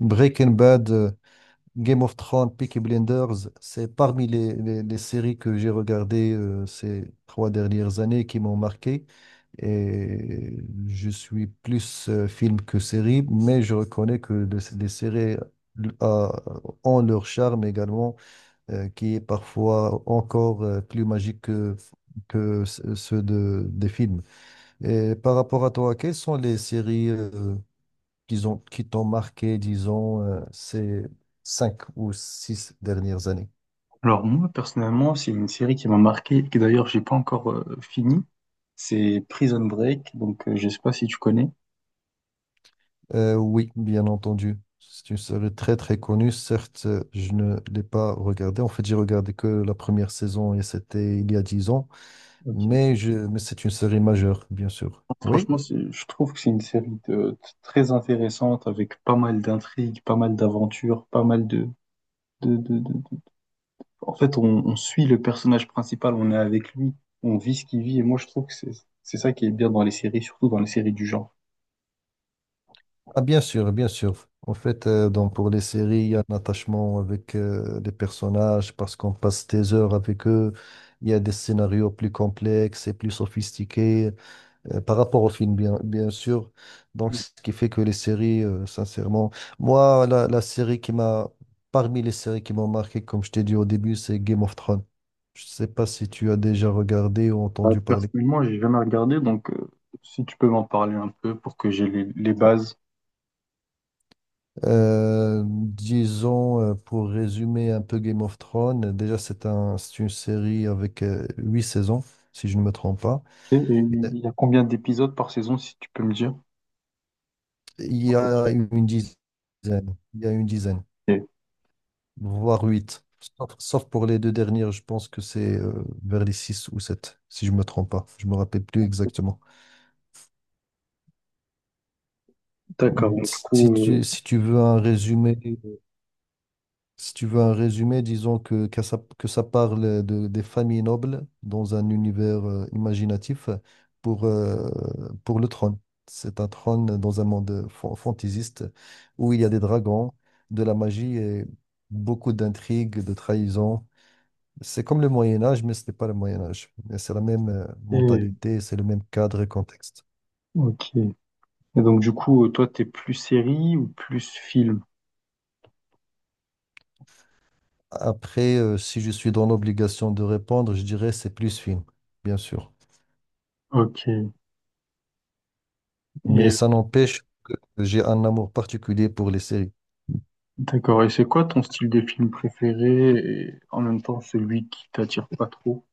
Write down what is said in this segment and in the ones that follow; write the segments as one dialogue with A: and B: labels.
A: Breaking Bad, Game of Thrones, Peaky Blinders, c'est parmi les séries que j'ai regardées ces trois dernières années qui m'ont marqué. Et je suis plus film que série, mais je reconnais que les séries euh, ont leur charme également, qui est parfois encore plus magique que ceux de, des films. Et par rapport à toi, quelles sont les séries qui t'ont marqué, disons, ces cinq ou six dernières années?
B: Alors moi personnellement, c'est une série qui m'a marqué et que d'ailleurs j'ai pas encore fini. C'est Prison Break, donc je sais pas si tu connais.
A: Oui, bien entendu. C'est une série très très connue. Certes, je ne l'ai pas regardée. En fait, j'ai regardé que la première saison et c'était il y a dix ans.
B: Ok.
A: Mais c'est une série majeure, bien sûr. Oui?
B: Franchement, je trouve que c'est une série très intéressante avec pas mal d'intrigues, pas mal d'aventures, pas mal de En fait, on suit le personnage principal, on est avec lui, on vit ce qu'il vit et moi je trouve que c'est ça qui est bien dans les séries, surtout dans les séries du genre.
A: Ah, bien sûr, bien sûr. En fait, donc pour les séries, il y a un attachement avec les personnages parce qu'on passe des heures avec eux. Il y a des scénarios plus complexes et plus sophistiqués, par rapport au film, bien, bien sûr. Donc, ce qui fait que les séries, sincèrement, moi, la série qui m'a, parmi les séries qui m'ont marqué, comme je t'ai dit au début, c'est Game of Thrones. Je sais pas si tu as déjà regardé ou
B: Ah,
A: entendu parler.
B: personnellement, j'ai jamais regardé, donc si tu peux m'en parler un peu pour que j'ai les bases.
A: Disons, pour résumer un peu Game of Thrones, déjà, c'est une série avec huit saisons, si je ne me trompe pas.
B: Ok. Et
A: Euh,
B: il y a combien d'épisodes par saison, si tu peux me dire?
A: Il
B: À
A: y
B: peu
A: a
B: près.
A: une dizaine. Il y a une dizaine.
B: Ok.
A: Voire 8, sauf pour les deux dernières, je pense que c'est vers les 6 ou 7, si je me trompe pas. Je me rappelle plus exactement.
B: D'accord, donc du
A: Si
B: coup,
A: tu, si tu veux un résumé, Si tu veux un résumé, disons que ça parle des familles nobles dans un univers imaginatif pour, euh, pour le trône. C'est un trône dans un monde fantaisiste où il y a des dragons, de la magie et beaucoup d'intrigues, de trahisons. C'est comme le Moyen Âge, mais ce n'est pas le Moyen Âge. Mais c'est la même
B: et-
A: mentalité, c'est le même cadre et contexte.
B: ok. Et donc du coup, toi, t'es plus série ou plus film?
A: Après, si je suis dans l'obligation de répondre, je dirais c'est plus film, bien sûr.
B: Ok.
A: Mais
B: Et
A: ça n'empêche, que j'ai un amour particulier pour les séries.
B: d'accord. Et c'est quoi ton style de film préféré et en même temps celui qui t'attire pas trop?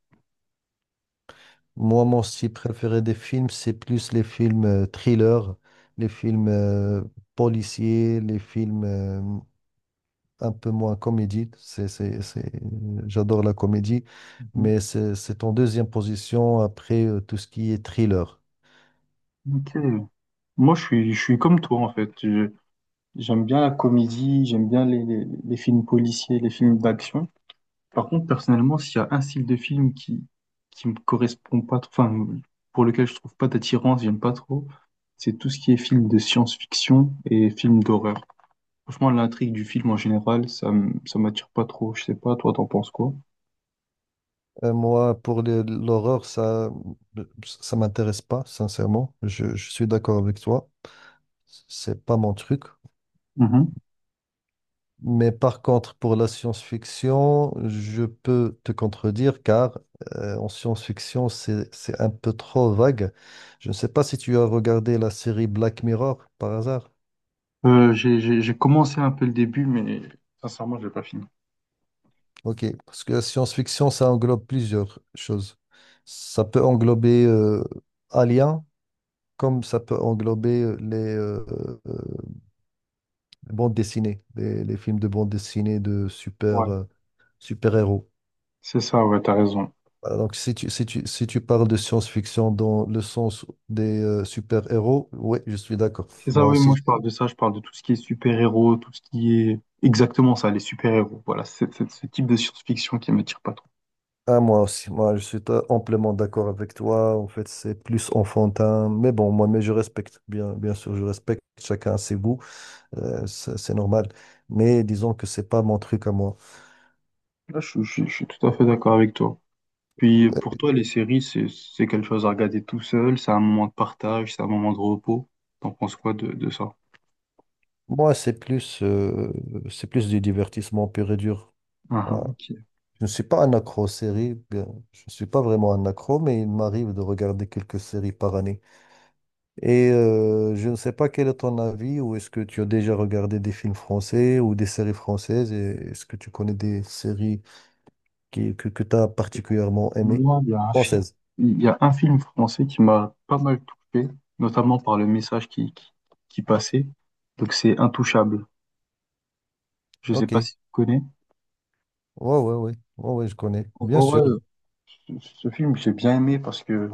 A: Moi, mon style préféré des films, c'est plus les films thrillers, les films policiers, les films un peu moins comédie. J'adore la comédie,
B: Mhm.
A: mais c'est en deuxième position après tout ce qui est thriller.
B: Ok. Moi, je suis comme toi, en fait. J'aime bien la comédie, j'aime bien les films policiers, les films d'action. Par contre, personnellement, s'il y a un style de film qui me correspond pas, enfin, pour lequel je trouve pas d'attirance, j'aime pas trop, c'est tout ce qui est film de science-fiction et film d'horreur. Franchement, l'intrigue du film en général, ça, ça m'attire pas trop. Je sais pas, toi, t'en penses quoi?
A: Moi, pour l'horreur, ça m'intéresse pas, sincèrement. Je suis d'accord avec toi. C'est pas mon truc.
B: Mhm.
A: Mais par contre, pour la science-fiction, je peux te contredire car en science-fiction, c'est un peu trop vague. Je ne sais pas si tu as regardé la série Black Mirror par hasard.
B: J'ai commencé un peu le début, mais sincèrement, je l'ai pas fini.
A: Ok, parce que la science-fiction, ça englobe plusieurs choses. Ça peut englober Alien, comme ça peut englober les euh, bandes dessinées, les films de bandes dessinées de
B: Ouais.
A: super, super-héros.
B: C'est ça, ouais, t'as raison.
A: Voilà, donc, si tu parles de science-fiction dans le sens des super-héros, oui, je suis d'accord.
B: C'est ça,
A: Moi
B: oui, moi je
A: aussi.
B: parle de ça, je parle de tout ce qui est super-héros, tout ce qui est... Exactement ça, les super-héros. Voilà, c'est ce type de science-fiction qui m'attire pas trop.
A: Ah, moi aussi. Moi, je suis amplement d'accord avec toi. En fait, c'est plus enfantin. Mais bon, moi, mais je respecte. Bien, bien sûr, je respecte. Chacun ses goûts. C'est normal. Mais disons que c'est pas mon truc à moi.
B: Là, je suis tout à fait d'accord avec toi. Puis pour
A: Euh,
B: toi, les séries, c'est quelque chose à regarder tout seul, c'est un moment de partage, c'est un moment de repos. T'en penses quoi de ça?
A: Moi, c'est plus du divertissement pur et dur.
B: Ah,
A: Voilà.
B: ah, ok.
A: Je ne suis pas un accro aux séries, je ne suis pas vraiment un accro, mais il m'arrive de regarder quelques séries par année. Et je ne sais pas quel est ton avis, ou est-ce que tu as déjà regardé des films français ou des séries françaises, et est-ce que tu connais des séries que tu as particulièrement aimées?
B: Moi,
A: Françaises.
B: il y a un film français qui m'a pas mal touché, notamment par le message qui passait. Donc c'est Intouchable. Je sais
A: Ok.
B: pas
A: Ouais,
B: si tu connais.
A: ouais, ouais. Ouais, ouais, je connais. Bien sûr.
B: Ouais, ce film, j'ai bien aimé parce que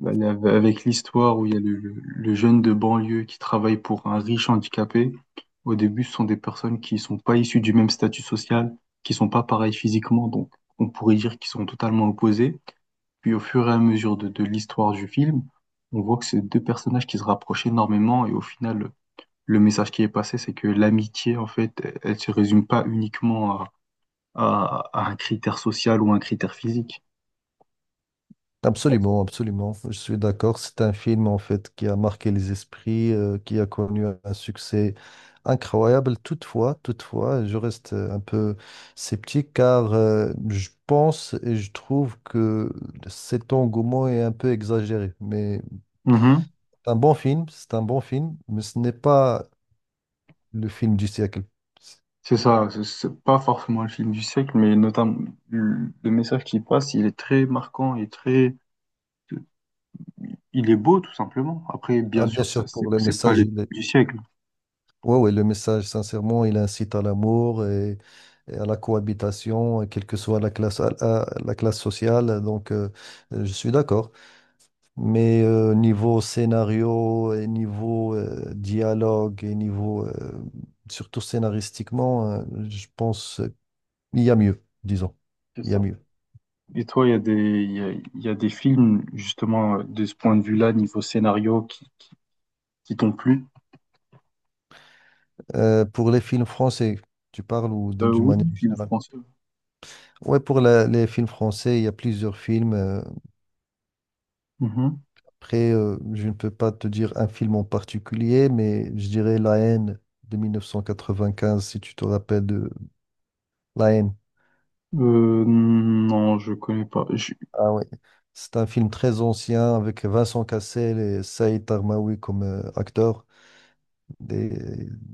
B: bah, il avec l'histoire où il y a le jeune de banlieue qui travaille pour un riche handicapé, au début, ce sont des personnes qui sont pas issues du même statut social, qui sont pas pareilles physiquement, donc on pourrait dire qu'ils sont totalement opposés. Puis au fur et à mesure de l'histoire du film, on voit que c'est deux personnages qui se rapprochent énormément et au final, le message qui est passé, c'est que l'amitié, en fait, elle, elle se résume pas uniquement à, à un critère social ou un critère physique.
A: Absolument, absolument. Je suis d'accord. C'est un film en fait qui a marqué les esprits, qui a connu un succès incroyable. Toutefois, toutefois, je reste un peu sceptique car je pense et je trouve que cet engouement est un peu exagéré. Mais c'est un bon film, c'est un bon film, mais ce n'est pas le film du siècle.
B: C'est ça, c'est pas forcément le film du siècle, mais notamment le message qui passe, il est très marquant et très, il est beau tout simplement. Après, bien
A: Ah,
B: sûr,
A: bien
B: ça
A: sûr, pour
B: c'est
A: le
B: c'est pas
A: message,
B: le
A: il est...
B: film du siècle.
A: ouais, ouais, le message, sincèrement, il incite à l'amour et à la cohabitation, quelle que soit la classe, à la classe sociale. Donc, je suis d'accord. Mais niveau scénario, et niveau dialogue, et niveau, surtout scénaristiquement, je pense qu'il y a mieux, disons.
B: C'est
A: Il y
B: ça.
A: a mieux.
B: Et toi, il y a des il y a des films justement de ce point de vue-là, niveau scénario, qui t'ont plu?
A: Pour les films français, tu parles ou
B: Euh,
A: d'une
B: oui,
A: manière
B: film
A: générale?
B: français.
A: Ouais, pour les films français, il y a plusieurs films.
B: Mhm.
A: Après, je ne peux pas te dire un film en particulier, mais je dirais La haine de 1995, si tu te rappelles de La haine.
B: Non, je connais pas.
A: Ah ouais. C'est un film très ancien avec Vincent Cassel et Saïd Tarmaoui comme acteurs. Des-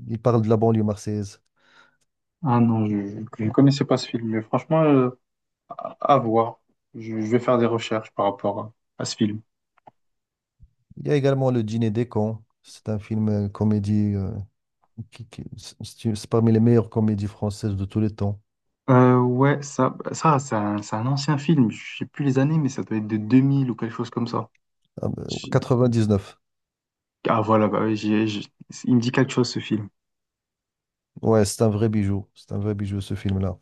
A: Il parle de la banlieue marseillaise.
B: Ah non, je ne connaissais pas ce film, mais franchement, à voir. Je vais faire des recherches par rapport à ce film.
A: Il y a également Le Dîner des cons. C'est un film comédie c'est parmi les meilleures comédies françaises de tous les temps.
B: Ouais, ça, bah, ça c'est un ancien film, je sais plus les années, mais ça doit être de 2000 ou quelque chose comme ça.
A: Ah,
B: J'ai-
A: 99.
B: Ah voilà, bah oui, il me dit quelque chose ce film.
A: Ouais, c'est un vrai bijou. C'est un vrai bijou ce film-là.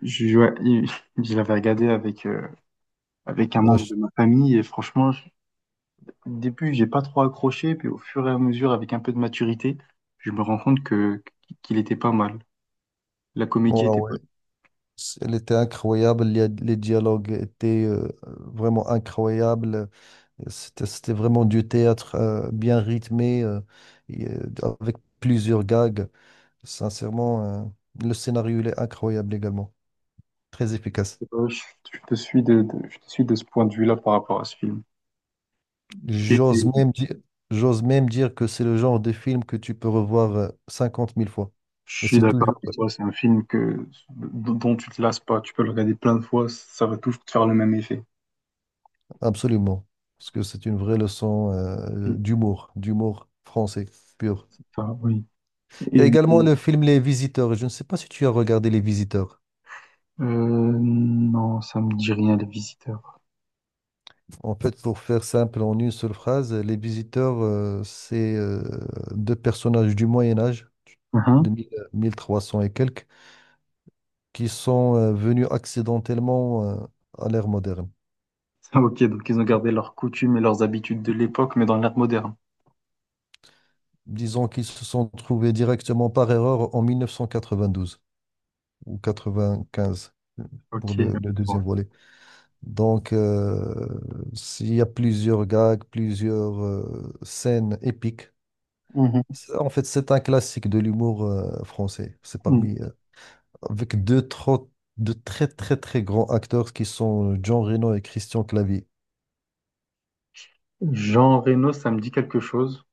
B: Ouais, je l'avais regardé avec un
A: Ouais,
B: membre de
A: je-
B: ma famille et franchement, au début, j'ai pas trop accroché, puis au fur et à mesure, avec un peu de maturité, je me rends compte que qu'il était pas mal. La comédie
A: ouais,
B: était pas...
A: ouais. Elle était incroyable, les dialogues étaient vraiment incroyables. C'était vraiment du théâtre bien rythmé, et, euh, avec plusieurs gags. Sincèrement, le scénario il est incroyable également, très efficace.
B: Je, je te suis de ce point de vue-là par rapport à ce film.
A: J'ose même dire, j'ose même dire que c'est le genre de film que tu peux revoir 50 000 fois.
B: Je
A: Et
B: suis
A: c'est
B: d'accord
A: toujours,
B: avec toi, c'est un film que, dont tu te lasses pas. Tu peux le regarder plein de fois, ça va toujours te faire le même effet.
A: absolument, parce que c'est une vraie leçon
B: Mm.
A: d'humour, d'humour français pur.
B: Ah, oui.
A: Il y a
B: Et,
A: également
B: et,
A: le film Les Visiteurs. Je ne sais pas si tu as regardé Les Visiteurs.
B: euh, non, ça me dit rien, les visiteurs.
A: En fait, pour faire simple, en une seule phrase, Les Visiteurs, c'est deux personnages du Moyen Âge,
B: Hein.
A: de 1300 et quelques, qui sont venus accidentellement à l'ère moderne.
B: Ah, ok, donc ils ont gardé leurs coutumes et leurs habitudes de l'époque, mais dans l'ère moderne.
A: Disons qu'ils se sont trouvés directement par erreur en 1992 ou 95
B: Ok.
A: pour
B: Je
A: le deuxième
B: vois.
A: volet. Donc, s'il y a plusieurs gags, plusieurs scènes épiques.
B: Mhm.
A: En fait, c'est un classique de l'humour français. C'est
B: Mm.
A: parmi, avec deux, trop- deux très, très, très grands acteurs qui sont Jean Reno et Christian Clavier,
B: Jean Reno, ça me dit quelque chose.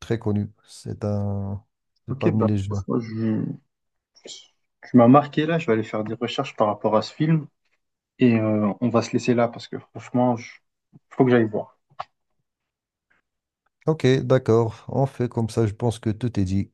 A: très connus. C'est
B: Ok,
A: parmi
B: bah,
A: les gens.
B: moi, tu m'as marqué là, je vais aller faire des recherches par rapport à ce film et on va se laisser là parce que franchement, faut que j'aille voir.
A: Ok, d'accord, on fait comme ça, je pense que tout est dit.